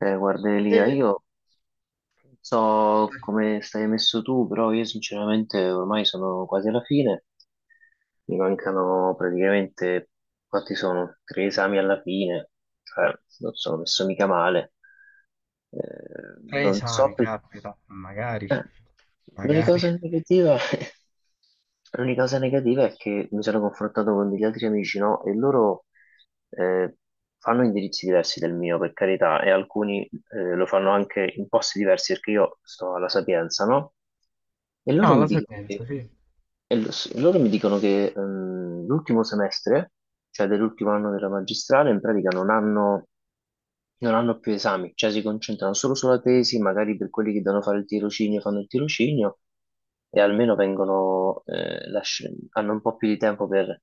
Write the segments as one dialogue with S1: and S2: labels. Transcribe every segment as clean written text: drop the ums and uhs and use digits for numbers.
S1: Guardelia,
S2: Mh.
S1: io non so come stai messo tu, però io sinceramente ormai sono quasi alla fine, mi mancano praticamente, quanti sono? Tre esami alla fine, cioè non sono messo mica male. Eh,
S2: Tre
S1: non so
S2: esami,
S1: più.
S2: caspita, magari,
S1: Eh, l'unica
S2: magari.
S1: cosa negativa. L'unica cosa negativa è che mi sono confrontato con degli altri amici, no? E loro eh, fanno indirizzi diversi del mio, per carità, e alcuni lo fanno anche in posti diversi perché io sto alla Sapienza, no? E loro
S2: No,
S1: mi
S2: la
S1: dicono
S2: sequenza,
S1: che,
S2: sì. Un
S1: loro mi dicono che l'ultimo semestre, cioè dell'ultimo anno della magistrale, in pratica non hanno più esami, cioè si concentrano solo sulla tesi, magari per quelli che devono fare il tirocinio fanno il tirocinio e almeno vengono, hanno un po' più di tempo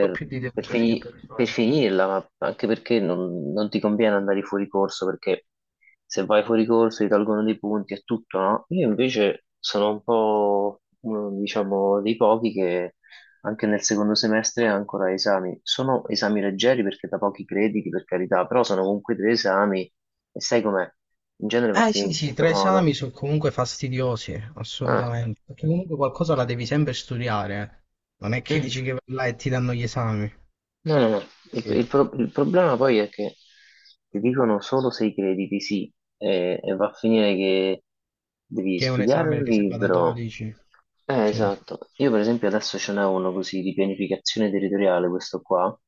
S2: po' più di
S1: per
S2: tempo, sì,
S1: fini-
S2: per
S1: per
S2: fare.
S1: finirla, ma anche perché non ti conviene andare fuori corso, perché se vai fuori corso ti tolgono dei punti e tutto, no? Io invece sono un po', uno, diciamo, dei pochi che anche nel secondo semestre ha ancora esami. Sono esami leggeri perché da pochi crediti, per carità, però sono comunque due esami e sai com'è? In genere va
S2: Eh
S1: finito
S2: sì,
S1: in
S2: sì, tre
S1: questo modo.
S2: esami sono comunque fastidiosi,
S1: Ah.
S2: assolutamente, perché comunque qualcosa la devi sempre studiare. Non è che dici che vai là e ti danno gli esami.
S1: No, no, no. Il,
S2: Sì.
S1: il pro- il problema poi è che ti dicono solo se i crediti, sì, e va a finire che devi
S2: Che è un
S1: studiare un
S2: esame che si va da
S1: libro.
S2: 12. Sì, sì,
S1: Esatto. Io per esempio adesso ce n'è uno così di pianificazione territoriale, questo qua.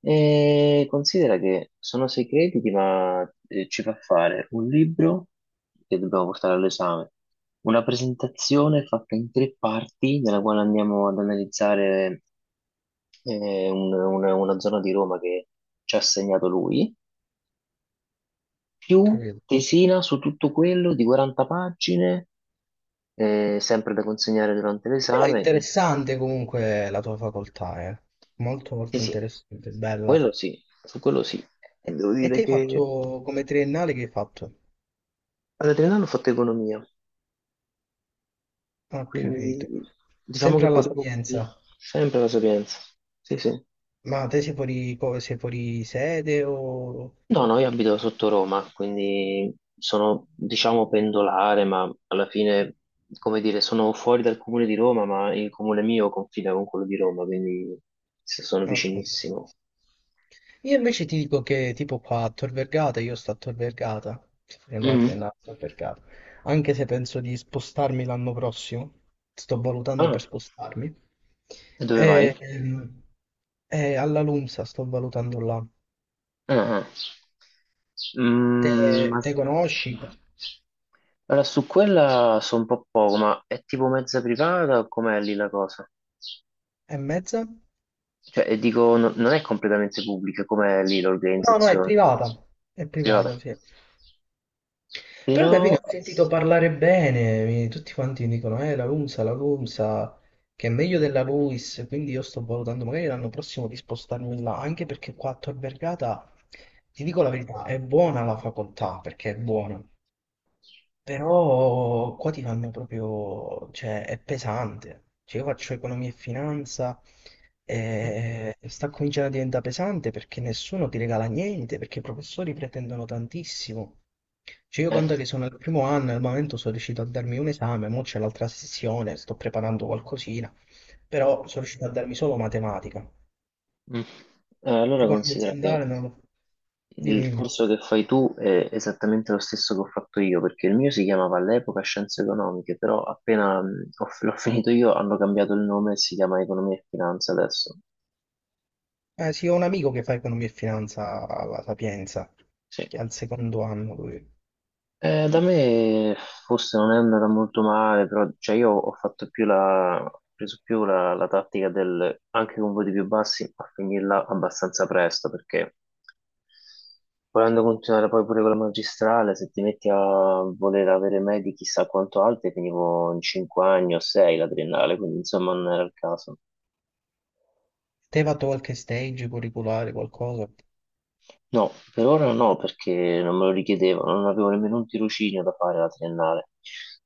S1: E considera che sono sei crediti, ma ci fa fare un libro che dobbiamo portare all'esame, una presentazione fatta in tre parti, nella quale andiamo ad analizzare una zona di Roma che ci ha assegnato lui,
S2: ho
S1: più
S2: capito.
S1: tesina su tutto quello di 40 pagine, sempre da consegnare durante
S2: Però è
S1: l'esame.
S2: interessante comunque la tua facoltà, eh. Molto
S1: Sì,
S2: molto
S1: sì,
S2: interessante, bella.
S1: quello sì, su quello sì.
S2: E,
S1: Devo
S2: e te
S1: dire
S2: hai
S1: che
S2: fatto come triennale, che hai fatto?
S1: Ad Adriano ho fatto economia,
S2: Ho capito.
S1: quindi diciamo
S2: Sempre
S1: che
S2: alla
S1: potevo
S2: Sapienza.
S1: sempre la Sapienza. Sì, sì.
S2: Ma te sei fuori, sei fuori sede o... Ho
S1: No, no, io abito sotto Roma, quindi sono, diciamo, pendolare, ma alla fine, come dire, sono fuori dal comune di Roma, ma il comune mio confina con quello di Roma, quindi sì, sono
S2: capito.
S1: vicinissimo.
S2: Io invece ti dico che tipo qua a Tor Vergata, io sto a Tor Vergata, sto facendo la
S1: Mhm.
S2: triennale a Tor Vergata, anche se penso di spostarmi l'anno prossimo, sto valutando per
S1: Ah,
S2: spostarmi,
S1: e dove vai?
S2: e, ehm, e alla LUMSA sto valutando là.
S1: Ah,
S2: Te,
S1: mm, ma
S2: te
S1: s-
S2: conosci?
S1: allora su quella so un po' poco, ma è tipo mezza privata o com'è lì la cosa?
S2: E mezza?
S1: Cioè, e dico, non è completamente pubblica, com'è lì
S2: No, no,
S1: l'organizzazione?
S2: è
S1: È privata.
S2: privata, sì. Però capito,
S1: Però,
S2: ho sentito parlare bene, tutti quanti mi dicono, la LUMSA, che è meglio della LUIS, quindi io sto valutando magari l'anno prossimo di spostarmi là, anche perché qua a Tor Vergata, ti dico la verità, è buona la facoltà, perché è buona, però qua ti fanno proprio, cioè è pesante. Cioè, io faccio economia e finanza e sta cominciando a diventare pesante perché nessuno ti regala niente, perché i professori pretendono tantissimo. Cioè, io
S1: eh,
S2: conto che sono al primo anno, al momento sono riuscito a darmi un esame, mo c'è l'altra sessione, sto preparando qualcosina, però sono riuscito a darmi solo matematica.
S1: mm, allora
S2: Economia
S1: considera che
S2: aziendale non lo... Dimmi,
S1: il
S2: dimmi.
S1: corso che fai tu è esattamente lo stesso che ho fatto io, perché il mio si chiamava all'epoca Scienze Economiche, però appena l'ho finito io hanno cambiato il nome e si chiama Economia e Finanza adesso.
S2: Eh sì, ho un amico che fa economia e finanza alla Sapienza,
S1: Sì.
S2: che è al secondo anno lui.
S1: Da me forse non è andata molto male, però cioè, io ho preso più la tattica del anche con voti più bassi a finirla abbastanza presto, perché volendo continuare poi pure con la magistrale, se ti metti a voler avere medie chissà quanto alte, finivo in 5 anni o 6 la triennale, quindi insomma non era il caso.
S2: Te hai fatto qualche stage curriculare, qualcosa?
S1: No, per ora no, perché non me lo richiedevano, non avevo nemmeno un tirocinio da fare alla triennale.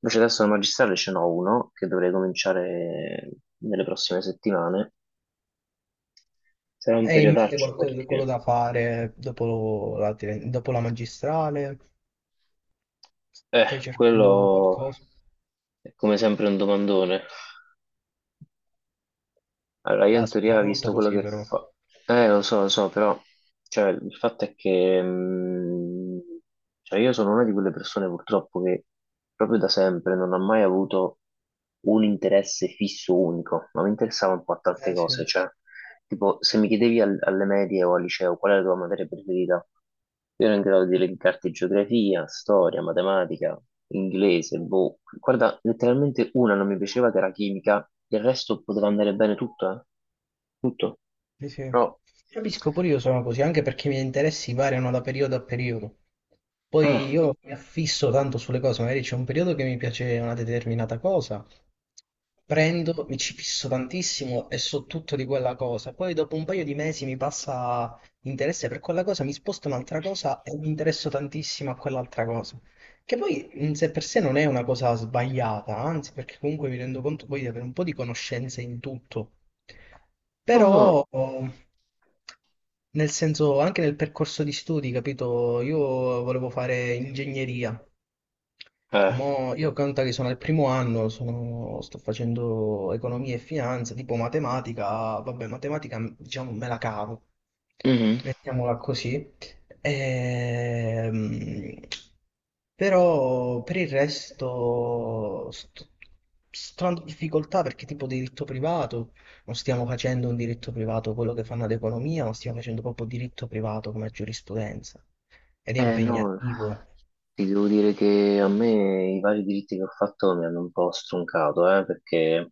S1: Invece adesso al magistrale ce n'ho uno che dovrei cominciare nelle prossime settimane. Sarà un
S2: E in mente
S1: periodaccio
S2: qualcosa, quello
S1: perché,
S2: da fare dopo la, dopo la magistrale? Stai cercando
S1: quello
S2: qualcosa?
S1: è come sempre un domandone. Allora, io in
S2: Caspita, è
S1: teoria ho
S2: brutto
S1: visto quello
S2: così
S1: che
S2: però.
S1: fa. Lo so, però cioè, il fatto è che cioè, io sono una di quelle persone purtroppo che proprio da sempre non ha mai avuto un interesse fisso unico, ma mi interessava un po' a tante
S2: Eh sì.
S1: cose, cioè tipo, se mi chiedevi alle medie o al liceo qual è la tua materia preferita, io ero in grado di elencarti geografia, storia, matematica, inglese, boh. Guarda, letteralmente una non mi piaceva che era chimica, il resto poteva andare bene tutto, eh? Tutto.
S2: Sì, sì.
S1: Però.
S2: Capisco, pure io sono così, anche perché i miei interessi variano da periodo a periodo.
S1: Ah,
S2: Poi io mi affisso tanto sulle cose, magari c'è un periodo che mi piace una determinata cosa, prendo, mi ci fisso tantissimo e so tutto di quella cosa. Poi dopo un paio di mesi mi passa interesse per quella cosa, mi sposto un'altra cosa e mi interesso tantissimo a quell'altra cosa. Che poi in sé per sé non è una cosa sbagliata, anzi, perché comunque mi rendo conto poi di avere un po' di conoscenze in tutto.
S1: no, no.
S2: Però, nel senso, anche nel percorso di studi, capito? Io volevo fare ingegneria.
S1: Eh,
S2: Mo io conta che sono al primo anno, sto facendo economia e finanza, tipo matematica, vabbè, matematica diciamo me la cavo,
S1: mhm.
S2: mettiamola così. Ehm, Però per il resto sto, sto in difficoltà perché tipo diritto privato, non stiamo facendo un diritto privato quello che fanno ad economia, ma stiamo facendo proprio diritto privato come giurisprudenza ed è
S1: No,
S2: impegnativo.
S1: ti devo dire che a me i vari diritti che ho fatto mi hanno un po' stroncato, perché.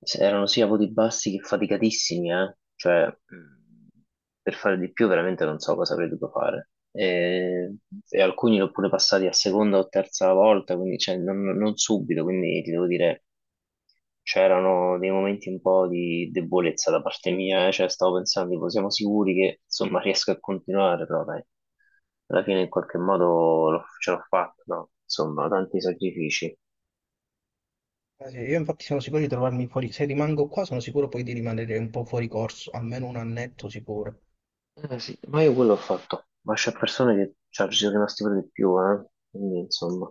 S1: Erano sia voti bassi che faticatissimi, eh. Cioè, per fare di più veramente non so cosa avrei dovuto fare. E, alcuni l'ho pure passati a seconda o terza volta, quindi cioè, non subito, quindi ti devo dire, c'erano dei momenti un po' di debolezza da parte mia, eh. Cioè, stavo pensando, tipo, siamo sicuri che insomma riesco a continuare, però dai, alla fine in qualche modo ce l'ho fatta, no? Insomma, tanti sacrifici.
S2: Eh sì, io infatti sono sicuro di trovarmi fuori, se rimango qua sono sicuro poi di rimanere un po' fuori corso, almeno un annetto sicuro,
S1: Sì, ma io quello ho fatto, ma c'è persone che cioè, ci sono rimasti per di più, eh? Quindi insomma.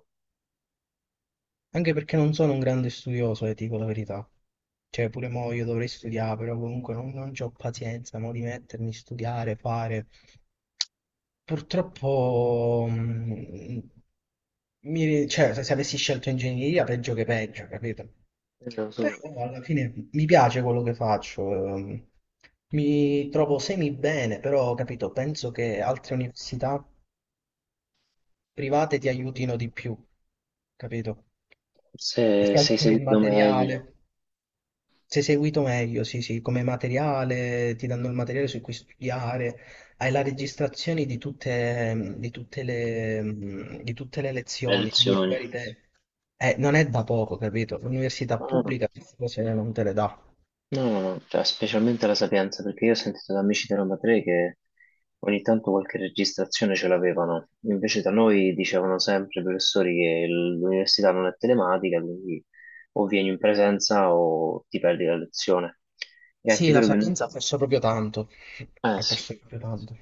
S2: anche perché non sono un grande studioso, dico la verità. Cioè, pure mo' io dovrei studiare, però comunque non, non c'ho pazienza, mo' di mettermi a studiare, fare. Purtroppo, cioè, se avessi scelto ingegneria, peggio che peggio, capito?
S1: Lo
S2: Però
S1: so.
S2: alla fine mi piace quello che faccio, mi trovo semi bene, però, capito, penso che altre università private ti aiutino di più, capito?
S1: Forse
S2: Perché
S1: sei
S2: alcune il
S1: seguito meglio
S2: materiale. Sei seguito meglio, sì, sì, come materiale, ti danno il materiale su cui studiare, hai la registrazione di tutte le
S1: le
S2: lezioni, quindi
S1: lezioni.
S2: magari te... non è da poco, capito? L'università
S1: No,
S2: pubblica queste cose non te le dà.
S1: no, no, no, cioè, specialmente la Sapienza, perché io ho sentito da amici di Roma Tre che ogni tanto qualche registrazione ce l'avevano, invece da noi dicevano sempre i professori che l'università non è telematica, quindi o vieni in presenza o ti perdi la lezione. E anche
S2: Sì, la
S1: vero che.
S2: Sapienza ha perso proprio tanto,
S1: Eh
S2: ha
S1: sì,
S2: perso proprio tanto.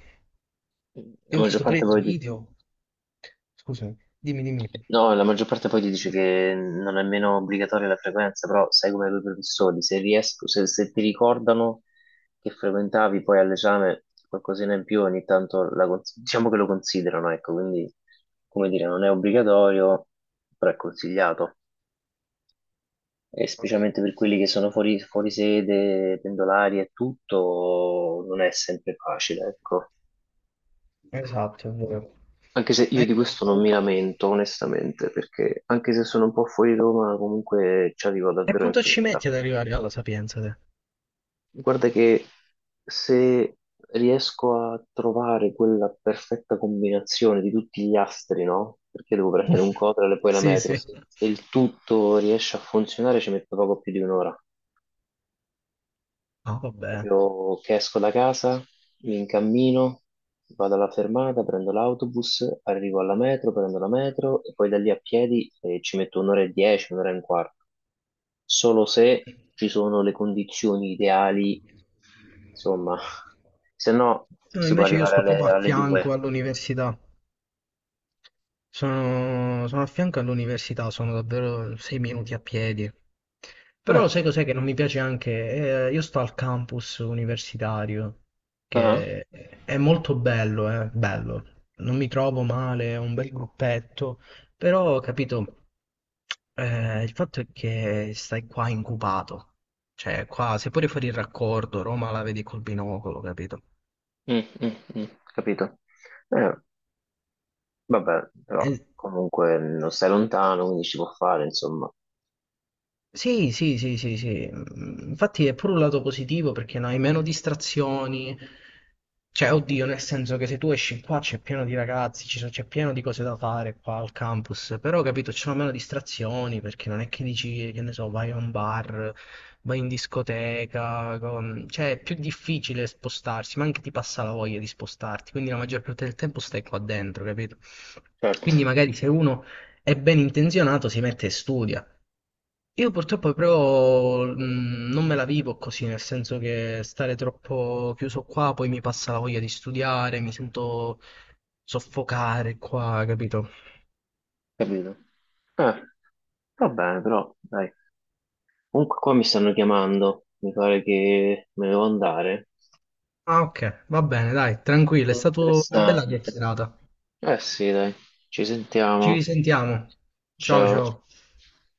S1: la
S2: Io ho
S1: maggior
S2: visto pure
S1: parte
S2: dei
S1: poi, di.
S2: video, scusami, dimmi, dimmi.
S1: No, la maggior parte poi ti dice che non è nemmeno obbligatoria la frequenza, però sai come i professori, se riesco, se ti ricordano che frequentavi poi all'esame qualcosina in più, ogni tanto diciamo che lo considerano, ecco, quindi come dire, non è obbligatorio, però è consigliato. E
S2: Ok.
S1: specialmente per quelli che sono fuori sede, pendolari e tutto, non è sempre facile, ecco.
S2: Esatto, è vero.
S1: Anche se
S2: Eh,
S1: io di questo non mi lamento, onestamente, perché anche se sono un po' fuori Roma, comunque ci arrivo
S2: E
S1: davvero in
S2: quanto ci
S1: fretta.
S2: metti ad arrivare alla Sapienza, te?
S1: Guarda che se riesco a trovare quella perfetta combinazione di tutti gli astri, no? Perché devo prendere un Cotral e poi la
S2: Sì,
S1: metro,
S2: sì.
S1: se il tutto riesce a funzionare ci metto poco più di un'ora.
S2: No? Vabbè.
S1: Proprio che esco da casa, mi incammino, vado alla fermata, prendo l'autobus, arrivo alla metro, prendo la metro e poi da lì a piedi ci metto un'ora e dieci, un'ora e un quarto. Solo se ci sono le condizioni ideali, insomma, se no
S2: No,
S1: si può
S2: invece io
S1: arrivare
S2: sto proprio
S1: alle,
S2: a
S1: alle
S2: fianco
S1: due.
S2: all'università. Sono, sono a fianco all'università, sono davvero sei minuti a piedi.
S1: Eh,
S2: Però sai cos'è che non mi piace anche? Io sto al campus universitario,
S1: Ah,
S2: che è molto bello, bello. Non mi trovo male, è un bel gruppetto, però, capito, il fatto è che stai qua incubato. Cioè, qua, se pure fuori il raccordo, Roma la vedi col binocolo, capito?
S1: mm, mm, mm, capito. Eh, vabbè, però
S2: E
S1: comunque non stai lontano, quindi si può fare, insomma.
S2: sì, sì, sì, sì, sì. Mm, infatti è pure un lato positivo perché non hai meno distrazioni. Cioè, oddio, nel senso che se tu esci qua c'è pieno di ragazzi, c'è pieno di cose da fare qua al campus, però capito, ci sono meno distrazioni perché non è che dici, che ne so, vai a un bar, vai in discoteca, cioè è più difficile spostarsi, ma anche ti passa la voglia di spostarti, quindi la maggior parte del tempo stai qua dentro, capito?
S1: Certo.
S2: Quindi magari se uno è ben intenzionato si mette e studia. Io purtroppo però non me la vivo così, nel senso che stare troppo chiuso qua poi mi passa la voglia di studiare, mi sento soffocare qua, capito?
S1: Capito? Eh, va bene, però, dai. Comunque qua mi stanno chiamando, mi pare che me ne devo andare.
S2: Ah, ok, va bene, dai, tranquillo,
S1: È
S2: è
S1: stato
S2: stata una bella
S1: interessante.
S2: chiacchierata.
S1: Eh sì, dai, ci
S2: Ci
S1: sentiamo.
S2: risentiamo. Ciao,
S1: Ciao.
S2: ciao.